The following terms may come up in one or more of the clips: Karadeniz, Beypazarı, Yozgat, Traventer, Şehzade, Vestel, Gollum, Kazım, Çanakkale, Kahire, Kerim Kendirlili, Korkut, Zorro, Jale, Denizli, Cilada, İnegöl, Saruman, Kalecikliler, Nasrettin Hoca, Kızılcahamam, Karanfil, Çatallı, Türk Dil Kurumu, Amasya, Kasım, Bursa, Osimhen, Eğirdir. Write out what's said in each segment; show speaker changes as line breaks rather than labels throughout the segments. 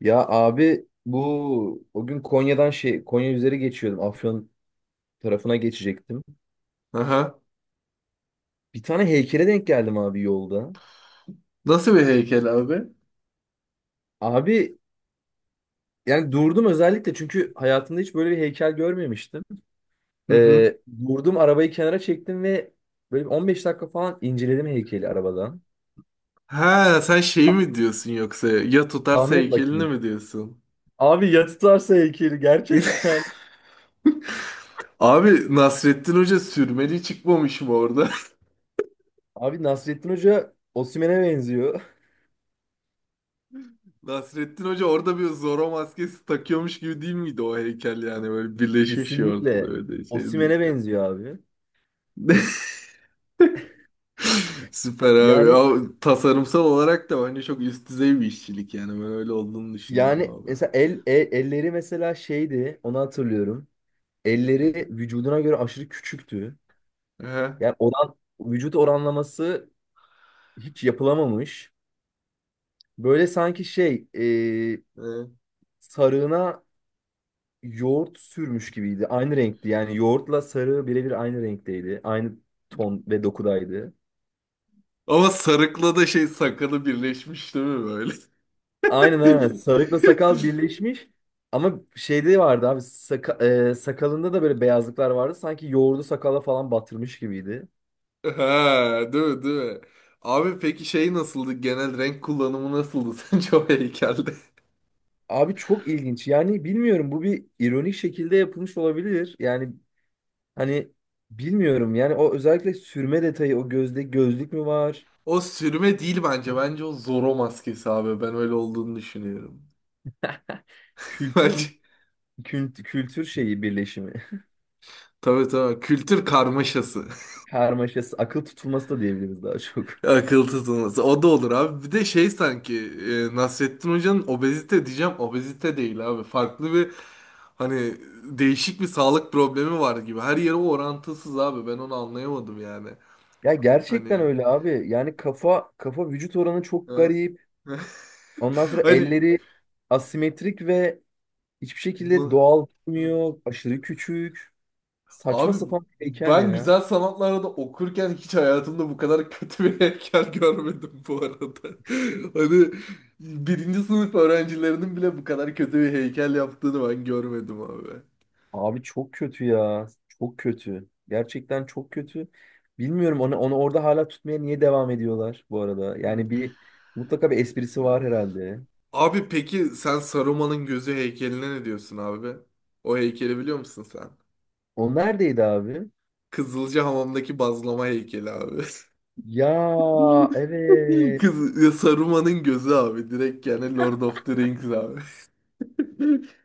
Ya abi bu o gün Konya'dan Konya üzeri geçiyordum. Afyon tarafına geçecektim.
Aha.
Bir tane heykele denk geldim abi yolda.
Nasıl bir heykel abi?
Abi yani durdum özellikle çünkü hayatımda hiç böyle bir heykel görmemiştim.
Hı hı.
Ee, Durdum, arabayı kenara çektim ve böyle bir 15 dakika falan inceledim heykeli arabadan.
Ha sen şeyi
Ah,
mi diyorsun yoksa ya tutarsa
Tahmin et
heykelini
bakayım.
mi diyorsun?
Abi ya tutarsa heykeli gerçekten.
Abi Nasrettin Hoca sürmeli çıkmamış mı orada?
Abi Nasrettin Hoca Osimhen'e benziyor.
Nasrettin Hoca orada bir Zorro maskesi takıyormuş gibi değil miydi o heykel yani böyle birleşmiş ya ortada
Kesinlikle
öyle şey değil
Osimhen'e
yani.
benziyor abi.
Süper abi.
Yani
Ya, tasarımsal olarak da bence çok üst düzey bir işçilik yani ben öyle olduğunu düşünüyorum
Yani
abi.
mesela elleri mesela şeydi, onu hatırlıyorum. Elleri vücuduna göre aşırı küçüktü.
Aha.
Yani vücut oranlaması hiç yapılamamış. Böyle sanki e, sarığına yoğurt sürmüş gibiydi. Aynı renkti. Yani yoğurtla sarı birebir aynı renkteydi. Aynı ton ve dokudaydı.
Ama sarıkla da şey sakalı birleşmiş değil mi böyle?
Aynen aynen. Sarıkla sakal birleşmiş. Ama şeyde vardı abi sakalında da böyle beyazlıklar vardı. Sanki yoğurdu sakala falan batırmış gibiydi.
Ha, değil mi, değil mi? Abi peki şey nasıldı? Genel renk kullanımı nasıldı sence o heykelde?
Abi çok ilginç. Yani bilmiyorum, bu bir ironik şekilde yapılmış olabilir. Yani hani bilmiyorum. Yani o özellikle sürme detayı, o gözde gözlük mü var?
O sürme değil bence. Bence o Zorro maskesi abi. Ben öyle olduğunu düşünüyorum.
Kültür
Bence
kültür şeyi birleşimi.
tabii tabii kültür karmaşası.
Karmaşası, akıl tutulması da diyebiliriz daha çok.
Akıl tutulması. O da olur abi. Bir de şey sanki Nasrettin Hoca'nın obezite diyeceğim. Obezite değil abi. Farklı bir hani değişik bir sağlık problemi var gibi. Her yeri orantısız abi. Ben onu anlayamadım yani.
Ya gerçekten
Hani.
öyle abi. Yani kafa vücut oranı çok
Ha?
garip. Ondan sonra
Hani.
elleri asimetrik ve hiçbir şekilde
Mı?
doğal durmuyor. Aşırı küçük. Saçma
Abi
sapan bir heykel
ben
ya.
güzel sanatlarda da okurken hiç hayatımda bu kadar kötü bir heykel görmedim bu arada. Hani birinci sınıf öğrencilerinin bile bu kadar kötü bir heykel yaptığını ben görmedim abi.
Abi çok kötü ya. Çok kötü. Gerçekten çok kötü. Bilmiyorum onu orada hala tutmaya niye devam ediyorlar bu arada.
Hı,
Yani bir Mutlaka bir esprisi
hı.
var herhalde.
Abi peki sen Saruman'ın gözü heykeline ne diyorsun abi? O heykeli biliyor musun sen?
O neredeydi abi?
Kızılcahamam'daki bazlama heykeli abi.
Ya, evet.
Saruman'ın gözü abi direkt yani Lord of the Rings abi.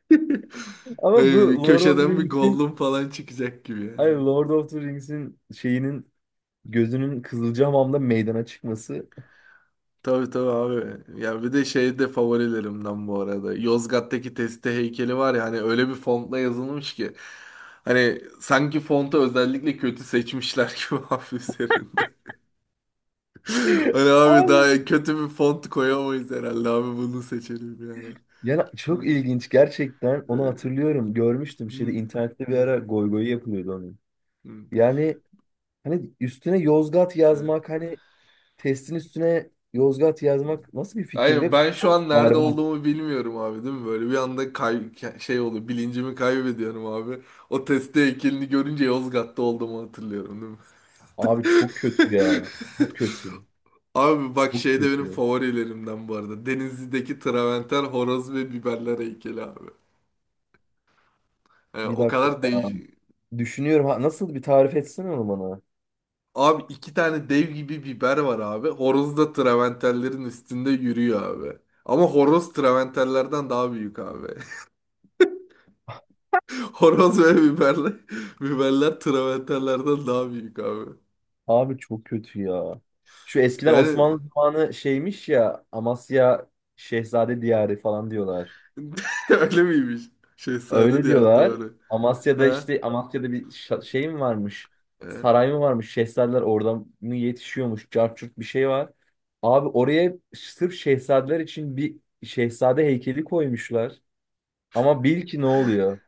Ama bu
Hani bir
Lord of the
köşeden bir
Rings'in,
Gollum falan çıkacak gibi
ay,
yani.
Lord of the Rings'in şeyinin gözünün Kızılcahamam'da meydana çıkması.
Tabii tabii abi. Ya bir de şey de favorilerimden bu arada. Yozgat'taki Teste heykeli var ya hani öyle bir fontla yazılmış ki. Hani sanki fontu özellikle kötü seçmişler gibi abi üzerinde. Hani abi
Abi.
daha kötü bir font koyamayız herhalde abi bunu seçelim yani.
Yani
Hı,
çok ilginç gerçekten. Onu
e,
hatırlıyorum. Görmüştüm şeyde internette bir
hı,
ara goy goy yapılıyordu onun.
hı,
Yani hani üstüne Yozgat
hı.
yazmak, hani testin üstüne Yozgat yazmak nasıl bir fikir, ve
Hayır ben şu
font
an nerede
berbat.
olduğumu bilmiyorum abi değil mi? Böyle bir anda şey oluyor bilincimi kaybediyorum abi. O testi heykelini görünce Yozgat'ta olduğumu hatırlıyorum değil mi?
Abi çok kötü ya. Çok kötü.
Abi bak
Çok
şey de benim
kötü.
favorilerimden bu arada. Denizli'deki Traventer, horoz ve biberler heykeli abi. Yani
Bir
o
dakika.
kadar değiş...
Abi. Düşünüyorum ha, nasıl, bir tarif etsene onu bana.
Abi iki tane dev gibi biber var abi. Horoz da Traventerlerin üstünde yürüyor abi. Ama horoz Traventerlerden daha büyük abi. Horoz ve biberle, biberler travertenlerden daha büyük abi.
Abi çok kötü ya. Şu eskiden Osmanlı
Yani
zamanı şeymiş ya, Amasya Şehzade Diyarı falan diyorlar.
öyle miymiş? Şehzade
Öyle
diğer
diyorlar.
doğru.
Amasya'da
Ha?
işte, Amasya'da bir şey mi varmış?
E.
Saray mı varmış? Şehzadeler oradan mı yetişiyormuş? Cart curt bir şey var. Abi oraya sırf şehzadeler için bir şehzade heykeli koymuşlar. Ama bil ki ne oluyor?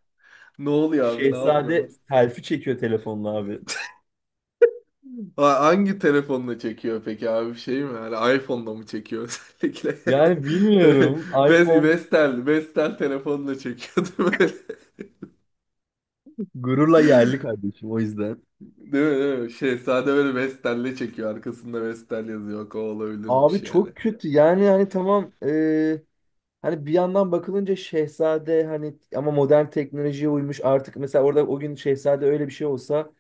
Ne oluyor abi? Ne yapıyormuş?
Şehzade selfie çekiyor telefonla abi.
Ha, hangi telefonla çekiyor peki abi? Şey mi? Hani iPhone'la mı çekiyor özellikle?
Yani bilmiyorum. iPhone
Vestel, Vestel telefonla çekiyor değil mi?
gururla yerli kardeşim o yüzden.
Değil mi, değil mi? Şehzade böyle Vestel'le çekiyor. Arkasında Vestel yazıyor. O olabilirmiş
Abi
yani.
çok kötü. Yani hani tamam, hani bir yandan bakılınca Şehzade hani ama modern teknolojiye uymuş artık, mesela orada o gün Şehzade öyle bir şey olsa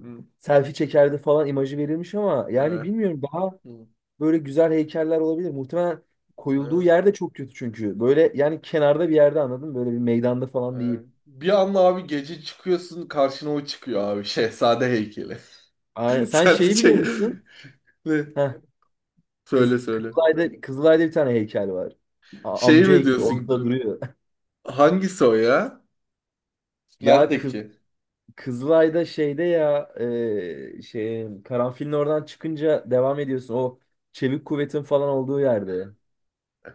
Hı.
selfie çekerdi falan imajı verilmiş ama yani
Evet.
bilmiyorum, daha
Hı.
böyle güzel heykeller olabilir. Muhtemelen koyulduğu
Evet.
yerde çok kötü çünkü. Böyle yani kenarda bir yerde, anladın mı? Böyle bir meydanda falan değil.
Yani bir anda abi gece çıkıyorsun karşına o çıkıyor abi. Şehzade heykeli.
Sen
Selfie
şeyi biliyor
çek.
musun?
Ne?
Heh,
Söyle söyle.
Kızılay'da, Kızılay'da bir tane heykel var.
Şey
Amca
mi
heykeli
diyorsun?
ortada duruyor.
Hangisi o ya?
Ya kız
Neredeki?
Kızılay'da şeyde ya e, şey karanfilin oradan çıkınca devam ediyorsun. O çevik kuvvetin falan olduğu yerde.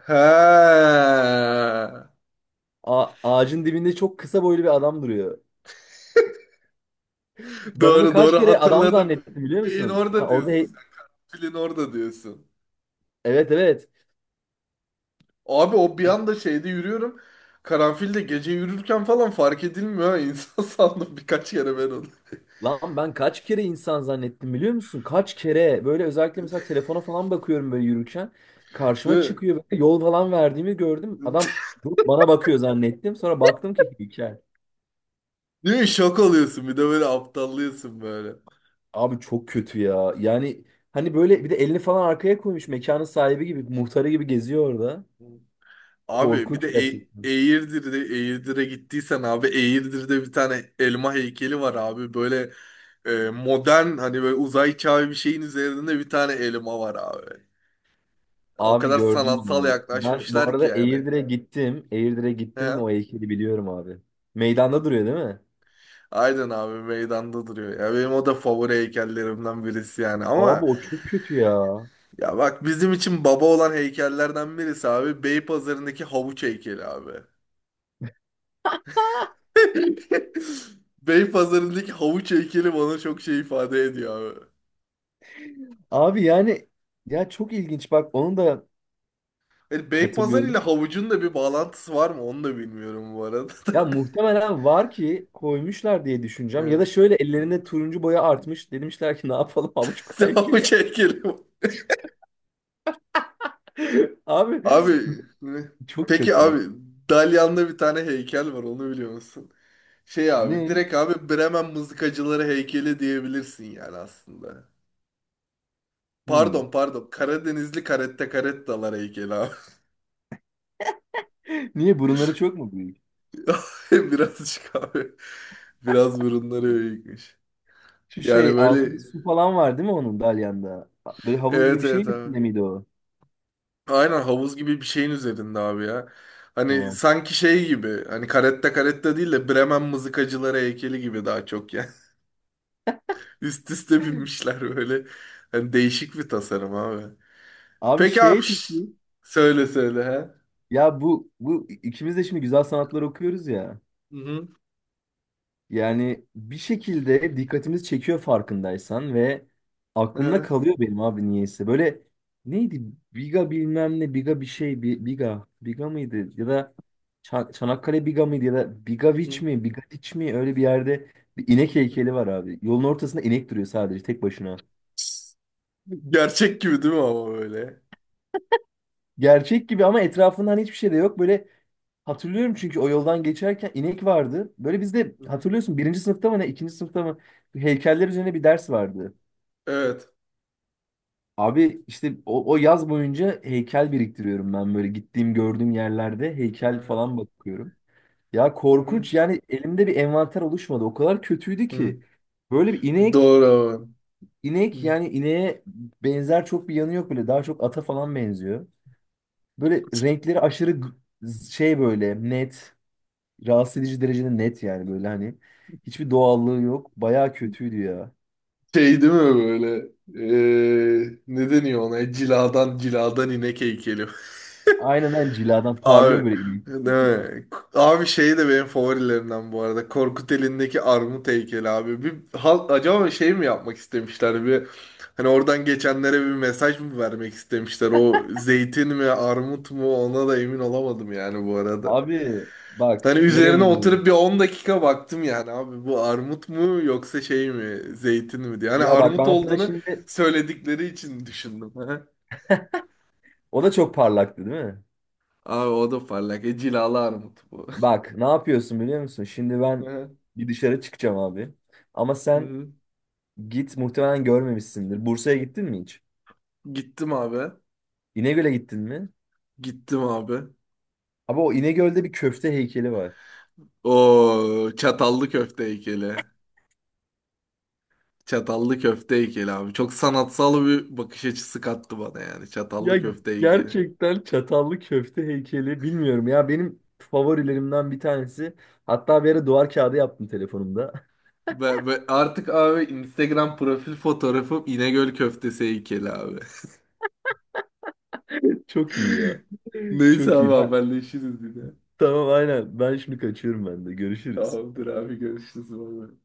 He.
Ağacın dibinde çok kısa boylu bir adam duruyor. Ben onu
Doğru
kaç
doğru
kere adam
hatırladım.
zannettim, biliyor
Şeyin
musun? Ya
orada
orada
diyorsun sen. Filin orada diyorsun.
evet, evet.
Abi o bir anda şeyde yürüyorum. Karanfilde gece yürürken falan fark edilmiyor. Ha. İnsan sandım birkaç kere ben onu.
Lan ben kaç kere insan zannettim, biliyor musun? Kaç kere böyle özellikle mesela telefona falan bakıyorum böyle yürürken, karşıma
Değil
çıkıyor, böyle yol falan verdiğimi gördüm.
mi?
Adam durup bana bakıyor zannettim. Sonra baktım ki hikaye.
Değil mi? Şok oluyorsun. Bir de böyle aptallıyorsun böyle.
Abi çok kötü ya. Yani hani böyle bir de elini falan arkaya koymuş, mekanın sahibi gibi, muhtarı gibi geziyor orada.
Abi bir de
Korkunç gerçekten.
Eğirdir'de Eğirdir'e gittiysen abi Eğirdir'de bir tane elma heykeli var abi. Böyle modern hani böyle uzay çağı bir şeyin üzerinde bir tane elma var abi. O
Abi
kadar
gördüm ben
sanatsal
onu. Ben bu
yaklaşmışlar ki
arada
yani.
Eğirdir'e gittim. Eğirdir'e
He?
gittim ve o heykeli biliyorum abi. Meydanda duruyor değil mi?
Aynen abi meydanda duruyor. Ya benim o da favori heykellerimden birisi yani.
Abi
Ama
o çok kötü ya.
ya bak bizim için baba olan heykellerden birisi abi Beypazarı'ndaki havuç heykeli abi. Beypazarı'ndaki havuç heykeli bana çok şey ifade ediyor abi.
Abi yani, ya çok ilginç, bak onu da
Yani Beypazarı ile
hatırlıyorum.
havucun da bir bağlantısı var mı onu da bilmiyorum bu arada.
Ya muhtemelen var ki koymuşlar diye düşüneceğim. Ya da
Yani.
şöyle, ellerinde turuncu boya artmış. Demişler ki ne yapalım, avuç heykeli ya.
Havuç heykeli.
Abi
Abi ne?
çok
Peki
kötü.
abi Dalyan'da bir tane heykel var onu biliyor musun? Şey abi
Ne?
direkt abi Bremen mızıkacıları heykeli diyebilirsin yani aslında.
Hmm.
Pardon pardon Karadenizli karette karettalar heykeli abi.
Niye burunları çok mu büyük?
Birazcık abi. Biraz burunları büyükmüş.
Şu şey
Yani
altında
böyle
su falan var değil mi onun dalyanda? Böyle havuz gibi
evet
bir şey
evet
mi
abi.
miydi o?
Aynen havuz gibi bir şeyin üzerinde abi ya. Hani
Tamam.
sanki şey gibi hani karette karette değil de Bremen mızıkacıları heykeli gibi daha çok yani. Üst üste binmişler böyle. Hani değişik bir tasarım abi.
Abi
Peki abi
şey
şş,
peki
söyle söyle ha.
ya, bu ikimiz de şimdi güzel sanatlar okuyoruz ya.
Hı hı.
Yani bir şekilde dikkatimizi çekiyor, farkındaysan, ve
Hı
aklımda
hı.
kalıyor benim abi, niyeyse. Böyle neydi? Biga bilmem ne, Biga bir şey, Bi- Biga, Biga mıydı? Ya da Çanakkale Biga mıydı? Ya da Bigaviç
Hı.
mi, Bigadiç mi? Öyle bir yerde bir inek
Hı.
heykeli var abi. Yolun ortasında inek duruyor, sadece tek başına.
Gerçek gibi değil mi ama böyle?
Gerçek gibi ama etrafında hani hiçbir şey de yok. Böyle hatırlıyorum çünkü o yoldan geçerken inek vardı. Böyle bizde
Hı hı.
hatırlıyorsun, birinci sınıfta mı ne, ikinci sınıfta mı, heykeller üzerine bir ders vardı.
Evet.
Abi işte o yaz boyunca heykel biriktiriyorum ben, böyle gittiğim gördüğüm yerlerde heykel
Hı.
falan bakıyorum. Ya
Hı
korkunç yani, elimde bir envanter oluşmadı. O kadar kötüydü
hı.
ki. Böyle bir
Doğru abi.
inek,
Hı.
yani ineğe benzer çok bir yanı yok böyle. Daha çok ata falan benziyor. Böyle renkleri aşırı böyle net, rahatsız edici derecede net yani, böyle hani. Hiçbir doğallığı yok. Bayağı kötüydü ya.
Şey değil mi böyle? Ne deniyor ona? Ciladan inek heykeli.
Aynen, ben ciladan
Abi
parlıyor böyle inek.
değil mi? Abi şey de benim favorilerimden bu arada. Korkut elindeki armut heykeli abi. Bir halk acaba şey mi yapmak istemişler? Bir hani oradan geçenlere bir mesaj mı vermek istemişler? O zeytin mi armut mu ona da emin olamadım yani bu arada.
Abi bak
Hani
nereye
üzerine
gidiyoruz?
oturup bir 10 dakika baktım yani abi bu armut mu yoksa şey mi zeytin mi diye. Hani
Ya bak
armut
ben sana
olduğunu
şimdi,
söyledikleri için düşündüm.
o da çok parlaktı değil mi?
Abi o da parlak. E, cilalı armut bu.
Bak ne yapıyorsun biliyor musun? Şimdi ben
Hı
bir dışarı çıkacağım abi. Ama sen
hı.
git, muhtemelen görmemişsindir. Bursa'ya gittin mi hiç?
Gittim abi.
İnegöl'e gittin mi?
Gittim abi.
Abi o İnegöl'de bir köfte heykeli var.
O çatallı köfte heykeli. Çatallı köfte heykeli abi. Çok sanatsal bir bakış açısı kattı bana yani. Çatallı
Ya
köfte heykeli.
gerçekten çatallı köfte heykeli, bilmiyorum ya, benim favorilerimden bir tanesi. Hatta bir ara duvar kağıdı yaptım telefonumda.
Ve artık abi Instagram profil fotoğrafım İnegöl köftesi heykeli abi.
Çok iyi ya.
Neyse
Çok
abi
iyi.
haberleşiriz yine.
Tamam aynen. Ben şimdi kaçıyorum ben de. Görüşürüz.
Tamamdır abi görüşürüz. Bay bay.